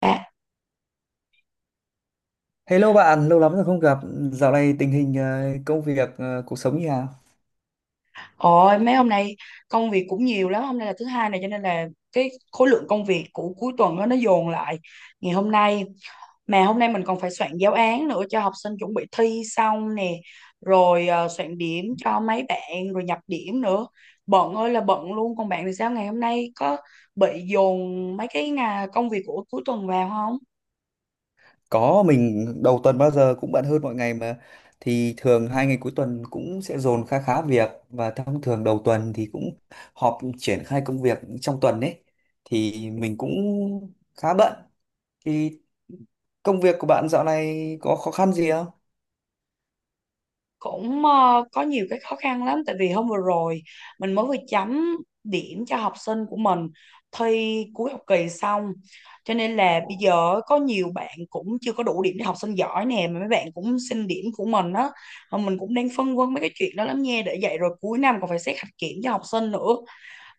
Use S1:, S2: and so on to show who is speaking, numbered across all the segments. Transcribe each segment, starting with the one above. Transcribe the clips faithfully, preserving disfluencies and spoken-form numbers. S1: À,
S2: Hello bạn, lâu lắm rồi không gặp. Dạo này tình hình ờ, công việc, ờ, cuộc sống như nào?
S1: ôi mấy hôm nay công việc cũng nhiều lắm. Hôm nay là thứ hai này cho nên là cái khối lượng công việc của cuối tuần đó, nó dồn lại ngày hôm nay. Mà hôm nay mình còn phải soạn giáo án nữa cho học sinh chuẩn bị thi xong nè, rồi ờ, soạn điểm cho mấy bạn rồi nhập điểm nữa. Bận ơi là bận luôn. Còn bạn thì sao, ngày hôm nay có bị dồn mấy cái ngà- công việc của cuối tuần vào không?
S2: Có, mình đầu tuần bao giờ cũng bận hơn mọi ngày mà. Thì thường hai ngày cuối tuần cũng sẽ dồn khá khá việc, và thông thường đầu tuần thì cũng họp triển khai công việc trong tuần ấy. Thì mình cũng khá bận. Thì công việc của bạn dạo này có khó khăn gì?
S1: Cũng ờ, có nhiều cái khó khăn lắm. Tại vì hôm vừa rồi mình mới vừa chấm điểm cho học sinh của mình thi cuối học kỳ xong, cho nên là bây giờ có nhiều bạn cũng chưa có đủ điểm để học sinh giỏi nè, mà mấy bạn cũng xin điểm của mình á. Mà mình cũng đang phân vân mấy cái chuyện đó lắm nha. Để vậy rồi cuối năm còn phải xét hạnh kiểm cho học sinh nữa.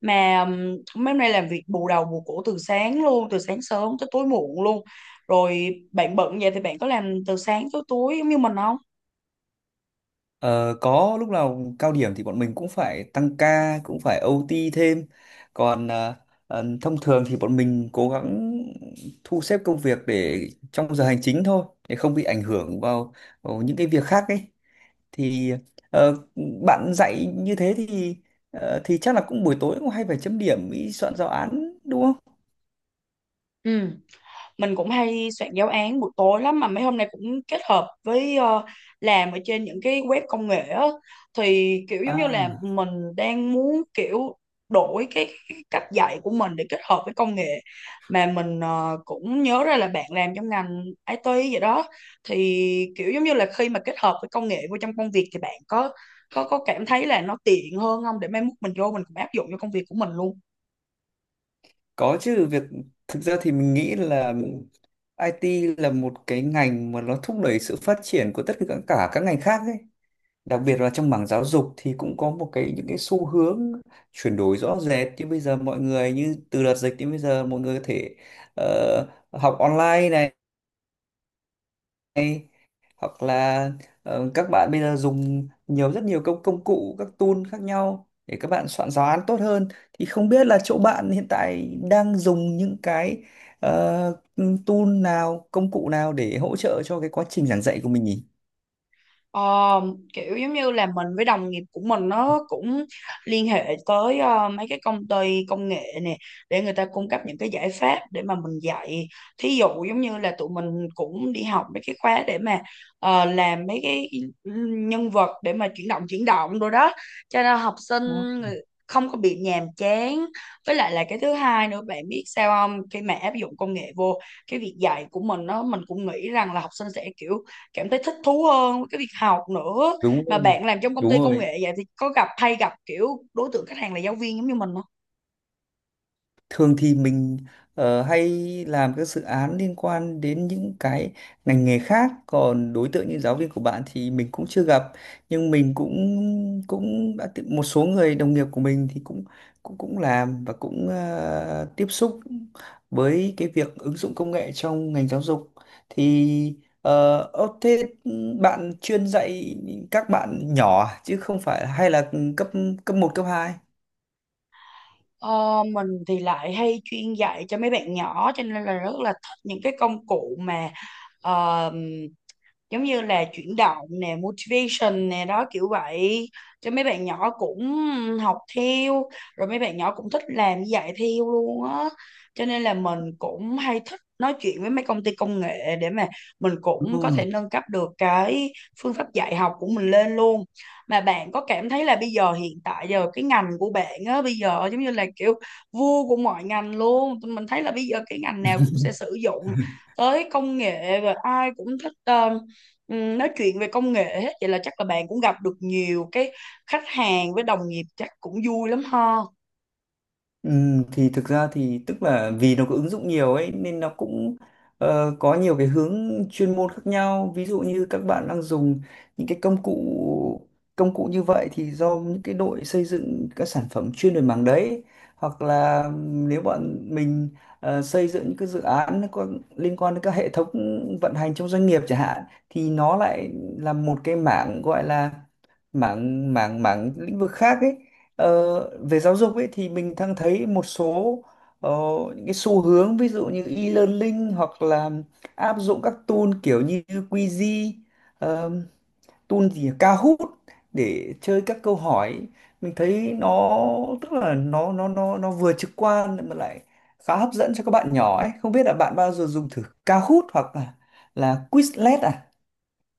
S1: Mà ừm, mấy hôm nay làm việc bù đầu bù cổ từ sáng luôn, từ sáng sớm tới tối muộn luôn. Rồi bạn bận vậy thì bạn có làm từ sáng tới tối giống như mình không?
S2: Ờ, có lúc nào cao điểm thì bọn mình cũng phải tăng ca, cũng phải ô tê thêm. Còn ờ, ờ, thông thường thì bọn mình cố gắng thu xếp công việc để trong giờ hành chính thôi, để không bị ảnh hưởng vào, vào những cái việc khác ấy. Thì ờ, bạn dạy như thế thì ờ, thì chắc là cũng buổi tối cũng hay phải chấm điểm ý, soạn giáo án đúng không?
S1: Ừ, mình cũng hay soạn giáo án buổi tối lắm. Mà mấy hôm nay cũng kết hợp với ờ, làm ở trên những cái web công nghệ á, thì kiểu giống như là
S2: À.
S1: mình đang muốn kiểu đổi cái, cái cách dạy của mình để kết hợp với công nghệ. Mà mình ờ, cũng nhớ ra là bạn làm trong ngành I T vậy đó. Thì kiểu giống như là khi mà kết hợp với công nghệ vô trong công việc thì bạn có có có cảm thấy là nó tiện hơn không, để mai mốt mình vô mình cũng áp dụng cho công việc của mình luôn?
S2: Có chứ. Việc thực ra thì mình nghĩ là ai ti là một cái ngành mà nó thúc đẩy sự phát triển của tất cả cả các ngành khác ấy. Đặc biệt là trong mảng giáo dục thì cũng có một cái những cái xu hướng chuyển đổi rõ rệt, như bây giờ mọi người như từ đợt dịch đến bây giờ mọi người có thể ờ, học online này này, hoặc là ờ, các bạn bây giờ dùng nhiều, rất nhiều công công cụ, các tool khác nhau để các bạn soạn giáo án tốt hơn. Thì không biết là chỗ bạn hiện tại đang dùng những cái ờ, tool nào, công cụ nào để hỗ trợ cho cái quá trình giảng dạy của mình nhỉ?
S1: Ờ, kiểu giống như là mình với đồng nghiệp của mình nó cũng liên hệ tới ờ, mấy cái công ty công nghệ nè, để người ta cung cấp những cái giải pháp để mà mình dạy. Thí dụ giống như là tụi mình cũng đi học mấy cái khóa để mà ờ, làm mấy cái ừ, nhân vật để mà chuyển động chuyển động rồi đó, cho nên học sinh
S2: Đó.
S1: người- không có bị nhàm chán. Với lại là cái thứ hai nữa, bạn biết sao không, khi mà áp dụng công nghệ vô cái việc dạy của mình nó, mình cũng nghĩ rằng là học sinh sẽ kiểu cảm thấy thích thú hơn với cái việc học nữa.
S2: Đúng
S1: Mà
S2: rồi,
S1: bạn làm trong công
S2: đúng
S1: ty công
S2: rồi.
S1: nghệ vậy thì có gặp hay gặp kiểu đối tượng khách hàng là giáo viên giống như mình không?
S2: Thường thì mình ờ, hay làm các dự án liên quan đến những cái ngành nghề khác, còn đối tượng như giáo viên của bạn thì mình cũng chưa gặp. Nhưng mình cũng cũng đã tiếp- một số người đồng nghiệp của mình thì cũng cũng cũng làm và cũng ờ, tiếp xúc với cái việc ứng dụng công nghệ trong ngành giáo dục. Thì ờ, ơ, thế bạn chuyên dạy các bạn nhỏ à? Chứ không phải, hay là cấp cấp một, cấp hai?
S1: Ờ, mình thì lại hay chuyên dạy cho mấy bạn nhỏ, cho nên là rất là thích những cái công cụ mà ờ, giống như là chuyển động nè, motivation nè đó, kiểu vậy. Cho mấy bạn nhỏ cũng học theo, rồi mấy bạn nhỏ cũng thích làm như vậy theo luôn á. Cho nên là mình cũng hay thích nói chuyện với mấy công ty công nghệ để mà mình cũng có
S2: Đúng.
S1: thể nâng cấp được cái phương pháp dạy học của mình lên luôn. Mà bạn có cảm thấy là bây giờ hiện tại giờ cái ngành của bạn á, bây giờ giống như là kiểu vua của mọi ngành luôn. Tụi mình thấy là bây giờ cái ngành nào cũng sẽ sử dụng tới công nghệ, và ai cũng thích ờ, ừm, nói chuyện về công nghệ hết. Vậy là chắc là bạn cũng gặp được nhiều cái khách hàng, với đồng nghiệp chắc cũng vui lắm ha.
S2: Ừ, thì thực ra thì tức là vì nó có ứng dụng nhiều ấy nên nó cũng ờ, có nhiều cái hướng chuyên môn khác nhau. Ví dụ như các bạn đang dùng những cái công cụ công cụ như vậy thì do những cái đội xây dựng các sản phẩm chuyên về mảng đấy. Hoặc là nếu bọn mình ờ, xây dựng những cái dự án nó có liên quan đến các hệ thống vận hành trong doanh nghiệp chẳng hạn, thì nó lại là một cái mảng gọi là mảng mảng mảng lĩnh vực khác ấy. Ờ, về giáo dục ấy thì mình đang thấy một số ờ, những cái xu hướng, ví dụ như e-learning, hoặc là áp dụng các tool kiểu như Quizy, ờ, tool gì nhỉ? Kahoot, để chơi các câu hỏi. Mình thấy nó, tức là nó nó nó nó vừa trực quan mà lại khá hấp dẫn cho các bạn nhỏ ấy. Không biết là bạn bao giờ dùng thử Kahoot hoặc là là Quizlet à?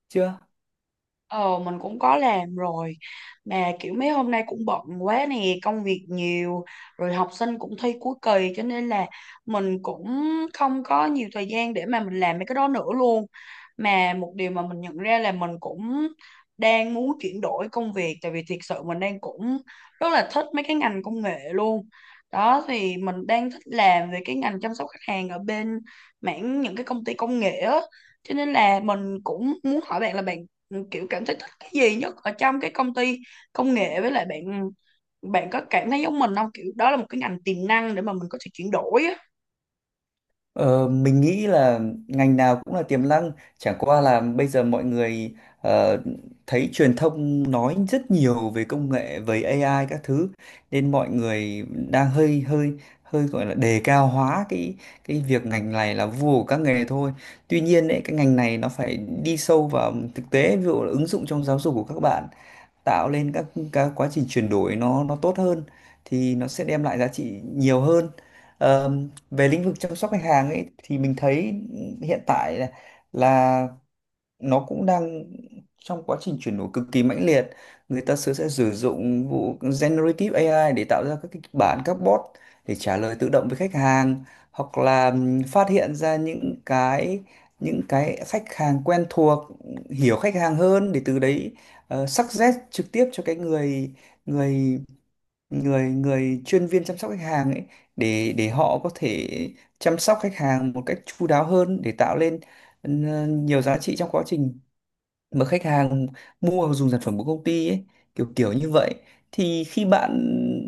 S2: Chưa?
S1: Ờ, mình cũng có làm rồi. Mà kiểu mấy hôm nay cũng bận quá nè, công việc nhiều, rồi học sinh cũng thi cuối kỳ, cho nên là mình cũng không có nhiều thời gian để mà mình làm mấy cái đó nữa luôn. Mà một điều mà mình nhận ra là mình cũng đang muốn chuyển đổi công việc. Tại vì thiệt sự mình đang cũng rất là thích mấy cái ngành công nghệ luôn đó. Thì mình đang thích làm về cái ngành chăm sóc khách hàng ở bên mảng những cái công ty công nghệ á. Cho nên là mình cũng muốn hỏi bạn là bạn, ừ, kiểu cảm thấy thích cái gì nhất ở trong cái công ty công nghệ, với lại bạn bạn có cảm thấy giống mình không, kiểu đó là một cái ngành tiềm năng để mà mình có thể chuyển đổi á.
S2: Ờ, mình nghĩ là ngành nào cũng là tiềm năng, chẳng qua là bây giờ mọi người ờ, thấy truyền thông nói rất nhiều về công nghệ, về a i các thứ, nên mọi người đang hơi hơi hơi gọi là đề cao hóa cái cái việc ngành này là vua của các nghề thôi. Tuy nhiên ấy, cái ngành này nó phải đi sâu vào thực tế, ví dụ là ứng dụng trong giáo dục của các bạn, tạo lên các các quá trình chuyển đổi nó nó tốt hơn, thì nó sẽ đem lại giá trị nhiều hơn. Ờ, về lĩnh vực chăm sóc khách hàng ấy thì mình thấy hiện tại là, là nó cũng đang trong quá trình chuyển đổi cực kỳ mãnh liệt. Người ta sẽ sẽ sử dụng vụ generative a i để tạo ra các kịch bản, các bot để trả lời tự động với khách hàng. Hoặc là ừm, phát hiện ra những cái những cái khách hàng quen thuộc, hiểu khách hàng hơn để từ đấy uh, suggest trực tiếp cho cái người người người người chuyên viên chăm sóc khách hàng ấy, để để họ có thể chăm sóc khách hàng một cách chu đáo hơn, để tạo lên ừ, nhiều giá trị trong quá trình mà khách hàng mua dùng sản phẩm của công ty ấy, kiểu kiểu như vậy. Thì khi bạn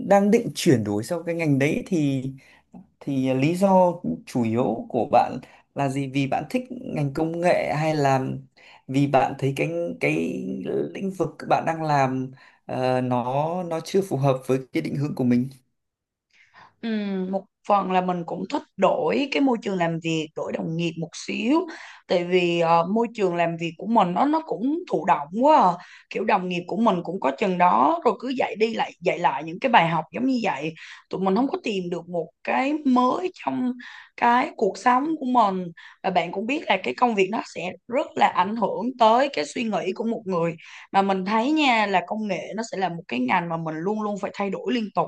S2: đang định chuyển đổi sang cái ngành đấy thì thì lý do chủ yếu của bạn là gì? Vì bạn thích ngành công nghệ, hay là vì bạn thấy cái cái lĩnh vực bạn đang làm ờ, nó nó chưa phù hợp với cái định hướng của mình?
S1: Ừm, một phần là mình cũng thích đổi cái môi trường làm việc, đổi đồng nghiệp một xíu. Tại vì ờ, môi trường làm việc của mình nó nó cũng thụ động quá à. Kiểu đồng nghiệp của mình cũng có chừng đó rồi, cứ dạy đi lại dạy lại những cái bài học giống như vậy. Tụi mình không có tìm được một cái mới trong cái cuộc sống của mình. Và bạn cũng biết là cái công việc nó sẽ rất là ảnh hưởng tới cái suy nghĩ của một người. Mà mình thấy nha là công nghệ nó sẽ là một cái ngành mà mình luôn luôn phải thay đổi liên tục,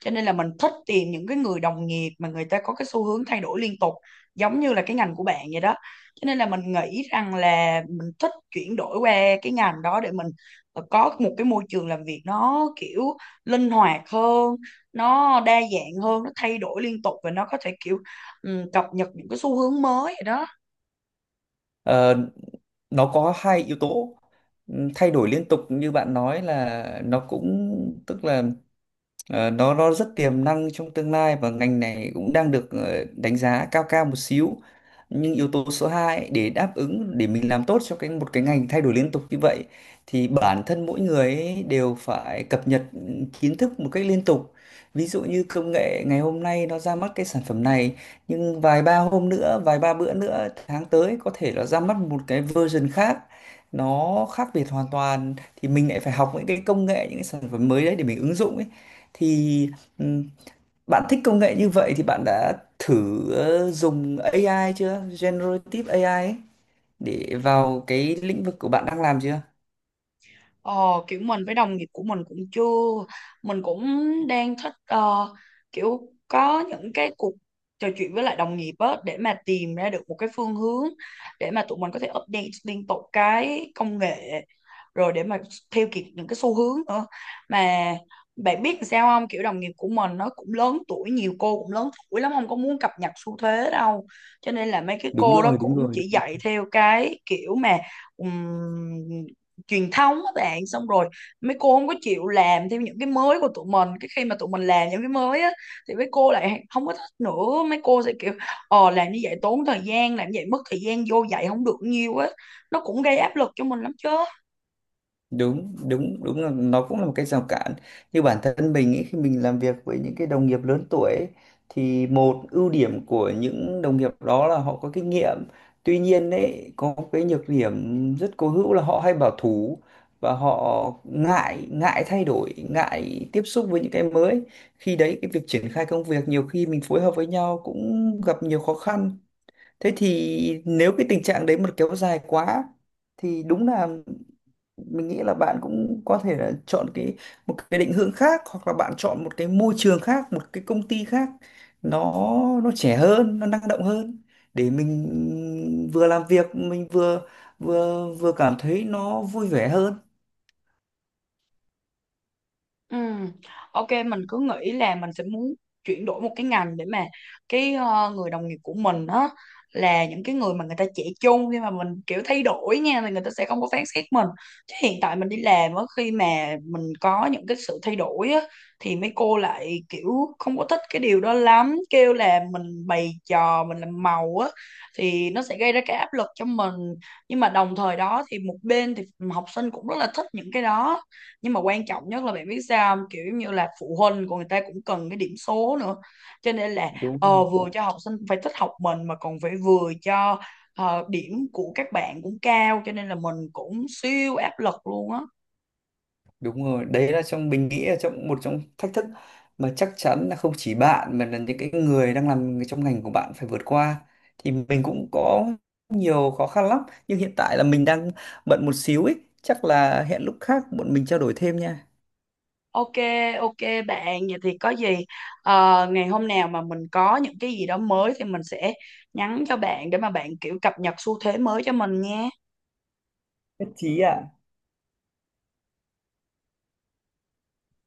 S1: cho nên là mình thích tìm những cái người đồng nghiệp mà người ta có cái xu hướng thay đổi liên tục giống như là cái ngành của bạn vậy đó. Cho nên là mình nghĩ rằng là mình thích chuyển đổi qua cái ngành đó để mình ờ, có một cái môi trường làm việc nó kiểu linh hoạt hơn, nó đa dạng hơn, nó thay đổi liên tục, và nó có thể kiểu ừ, cập nhật những cái xu hướng mới vậy đó.
S2: Ờ, nó có hai yếu tố. Ừm, thay đổi liên tục như bạn nói là nó cũng tức là, ờ, nó nó rất tiềm năng trong tương lai, và ngành này cũng đang được ờ, đánh giá cao cao một xíu. Nhưng yếu tố số hai ấy, để đáp ứng, để mình làm tốt cho cái một cái ngành thay đổi liên tục như vậy, thì bản thân mỗi người ấy đều phải cập nhật ừ, kiến thức một cách liên tục. Ví dụ như công nghệ ngày hôm nay nó ra mắt cái sản phẩm này, nhưng vài ba hôm nữa, vài ba bữa nữa, tháng tới có thể nó ra mắt một cái version khác, nó khác biệt hoàn toàn, thì mình lại phải học những cái công nghệ, những cái sản phẩm mới đấy để mình ứng dụng ấy. Thì ừm, bạn thích công nghệ như vậy thì bạn đã thử ờ, dùng a i chưa? Generative a i ấy, để vào cái lĩnh vực của bạn đang làm chưa?
S1: Ờ, kiểu mình với đồng nghiệp của mình cũng chưa. Mình cũng đang thích ờ, kiểu có những cái cuộc trò chuyện với lại đồng nghiệp á, để mà tìm ra được một cái phương hướng để mà tụi mình có thể update liên tục cái công nghệ, rồi để mà theo kịp những cái xu hướng nữa. Mà bạn biết làm sao không, kiểu đồng nghiệp của mình nó cũng lớn tuổi, nhiều cô cũng lớn tuổi lắm, không có muốn cập nhật xu thế đâu. Cho nên là mấy cái
S2: Đúng
S1: cô đó
S2: rồi, đúng
S1: cũng
S2: rồi.
S1: chỉ dạy theo cái kiểu mà ừm, truyền thống các bạn. Xong rồi mấy cô không có chịu làm theo những cái mới của tụi mình. Cái khi mà tụi mình làm những cái mới á thì mấy cô lại không có thích nữa, mấy cô sẽ kiểu ờ, làm như vậy tốn thời gian, làm như vậy mất thời gian vô dạy không được nhiều á. Nó cũng gây áp lực cho mình lắm chứ.
S2: Đúng đúng đúng, là nó cũng là một cái rào cản. Như bản thân mình ấy, khi mình làm việc với những cái đồng nghiệp lớn tuổi ấy, thì một ưu điểm của những đồng nghiệp đó là họ có kinh nghiệm. Tuy nhiên ấy, có cái nhược điểm rất cố hữu là họ hay bảo thủ và họ ngại ngại thay đổi, ngại tiếp xúc với những cái mới. Khi đấy cái việc triển khai công việc nhiều khi mình phối hợp với nhau cũng gặp nhiều khó khăn. Thế thì nếu cái tình trạng đấy mà kéo dài quá thì đúng là mình nghĩ là bạn cũng có thể là chọn cái một cái định hướng khác, hoặc là bạn chọn một cái môi trường khác, một cái công ty khác, nó nó trẻ hơn, nó năng động hơn, để mình vừa làm việc mình vừa vừa vừa cảm thấy nó vui vẻ hơn.
S1: Ừ. Ok, mình cứ nghĩ là mình sẽ muốn chuyển đổi một cái ngành, để mà cái ờ, người đồng nghiệp của mình đó là những cái người mà người ta trẻ chung, khi mà mình kiểu thay đổi nha thì người ta sẽ không có phán xét mình. Chứ hiện tại mình đi làm á, khi mà mình có những cái sự thay đổi á thì mấy cô lại kiểu không có thích cái điều đó lắm, kêu là mình bày trò, mình làm màu á, thì nó sẽ gây ra cái áp lực cho mình. Nhưng mà đồng thời đó thì một bên thì học sinh cũng rất là thích những cái đó, nhưng mà quan trọng nhất là bạn biết sao không, kiểu như là phụ huynh của người ta cũng cần cái điểm số nữa. Cho nên là
S2: Đúng rồi.
S1: ờ, vừa cho học sinh phải thích học mình, mà còn phải vừa cho ờ, điểm của các bạn cũng cao, cho nên là mình cũng siêu áp lực luôn á.
S2: Đúng rồi, đấy là trong, mình nghĩ là trong một trong thách thức mà chắc chắn là không chỉ bạn mà là những cái người đang làm trong ngành của bạn phải vượt qua. Thì mình cũng có nhiều khó khăn lắm, nhưng hiện tại là mình đang bận một xíu ấy, chắc là hẹn lúc khác bọn mình trao đổi thêm nha.
S1: Ok. Ok bạn, vậy thì có gì ờ, ngày hôm nào mà mình có những cái gì đó mới thì mình sẽ nhắn cho bạn, để mà bạn kiểu cập nhật xu thế mới cho mình nha.
S2: Nhất trí ạ.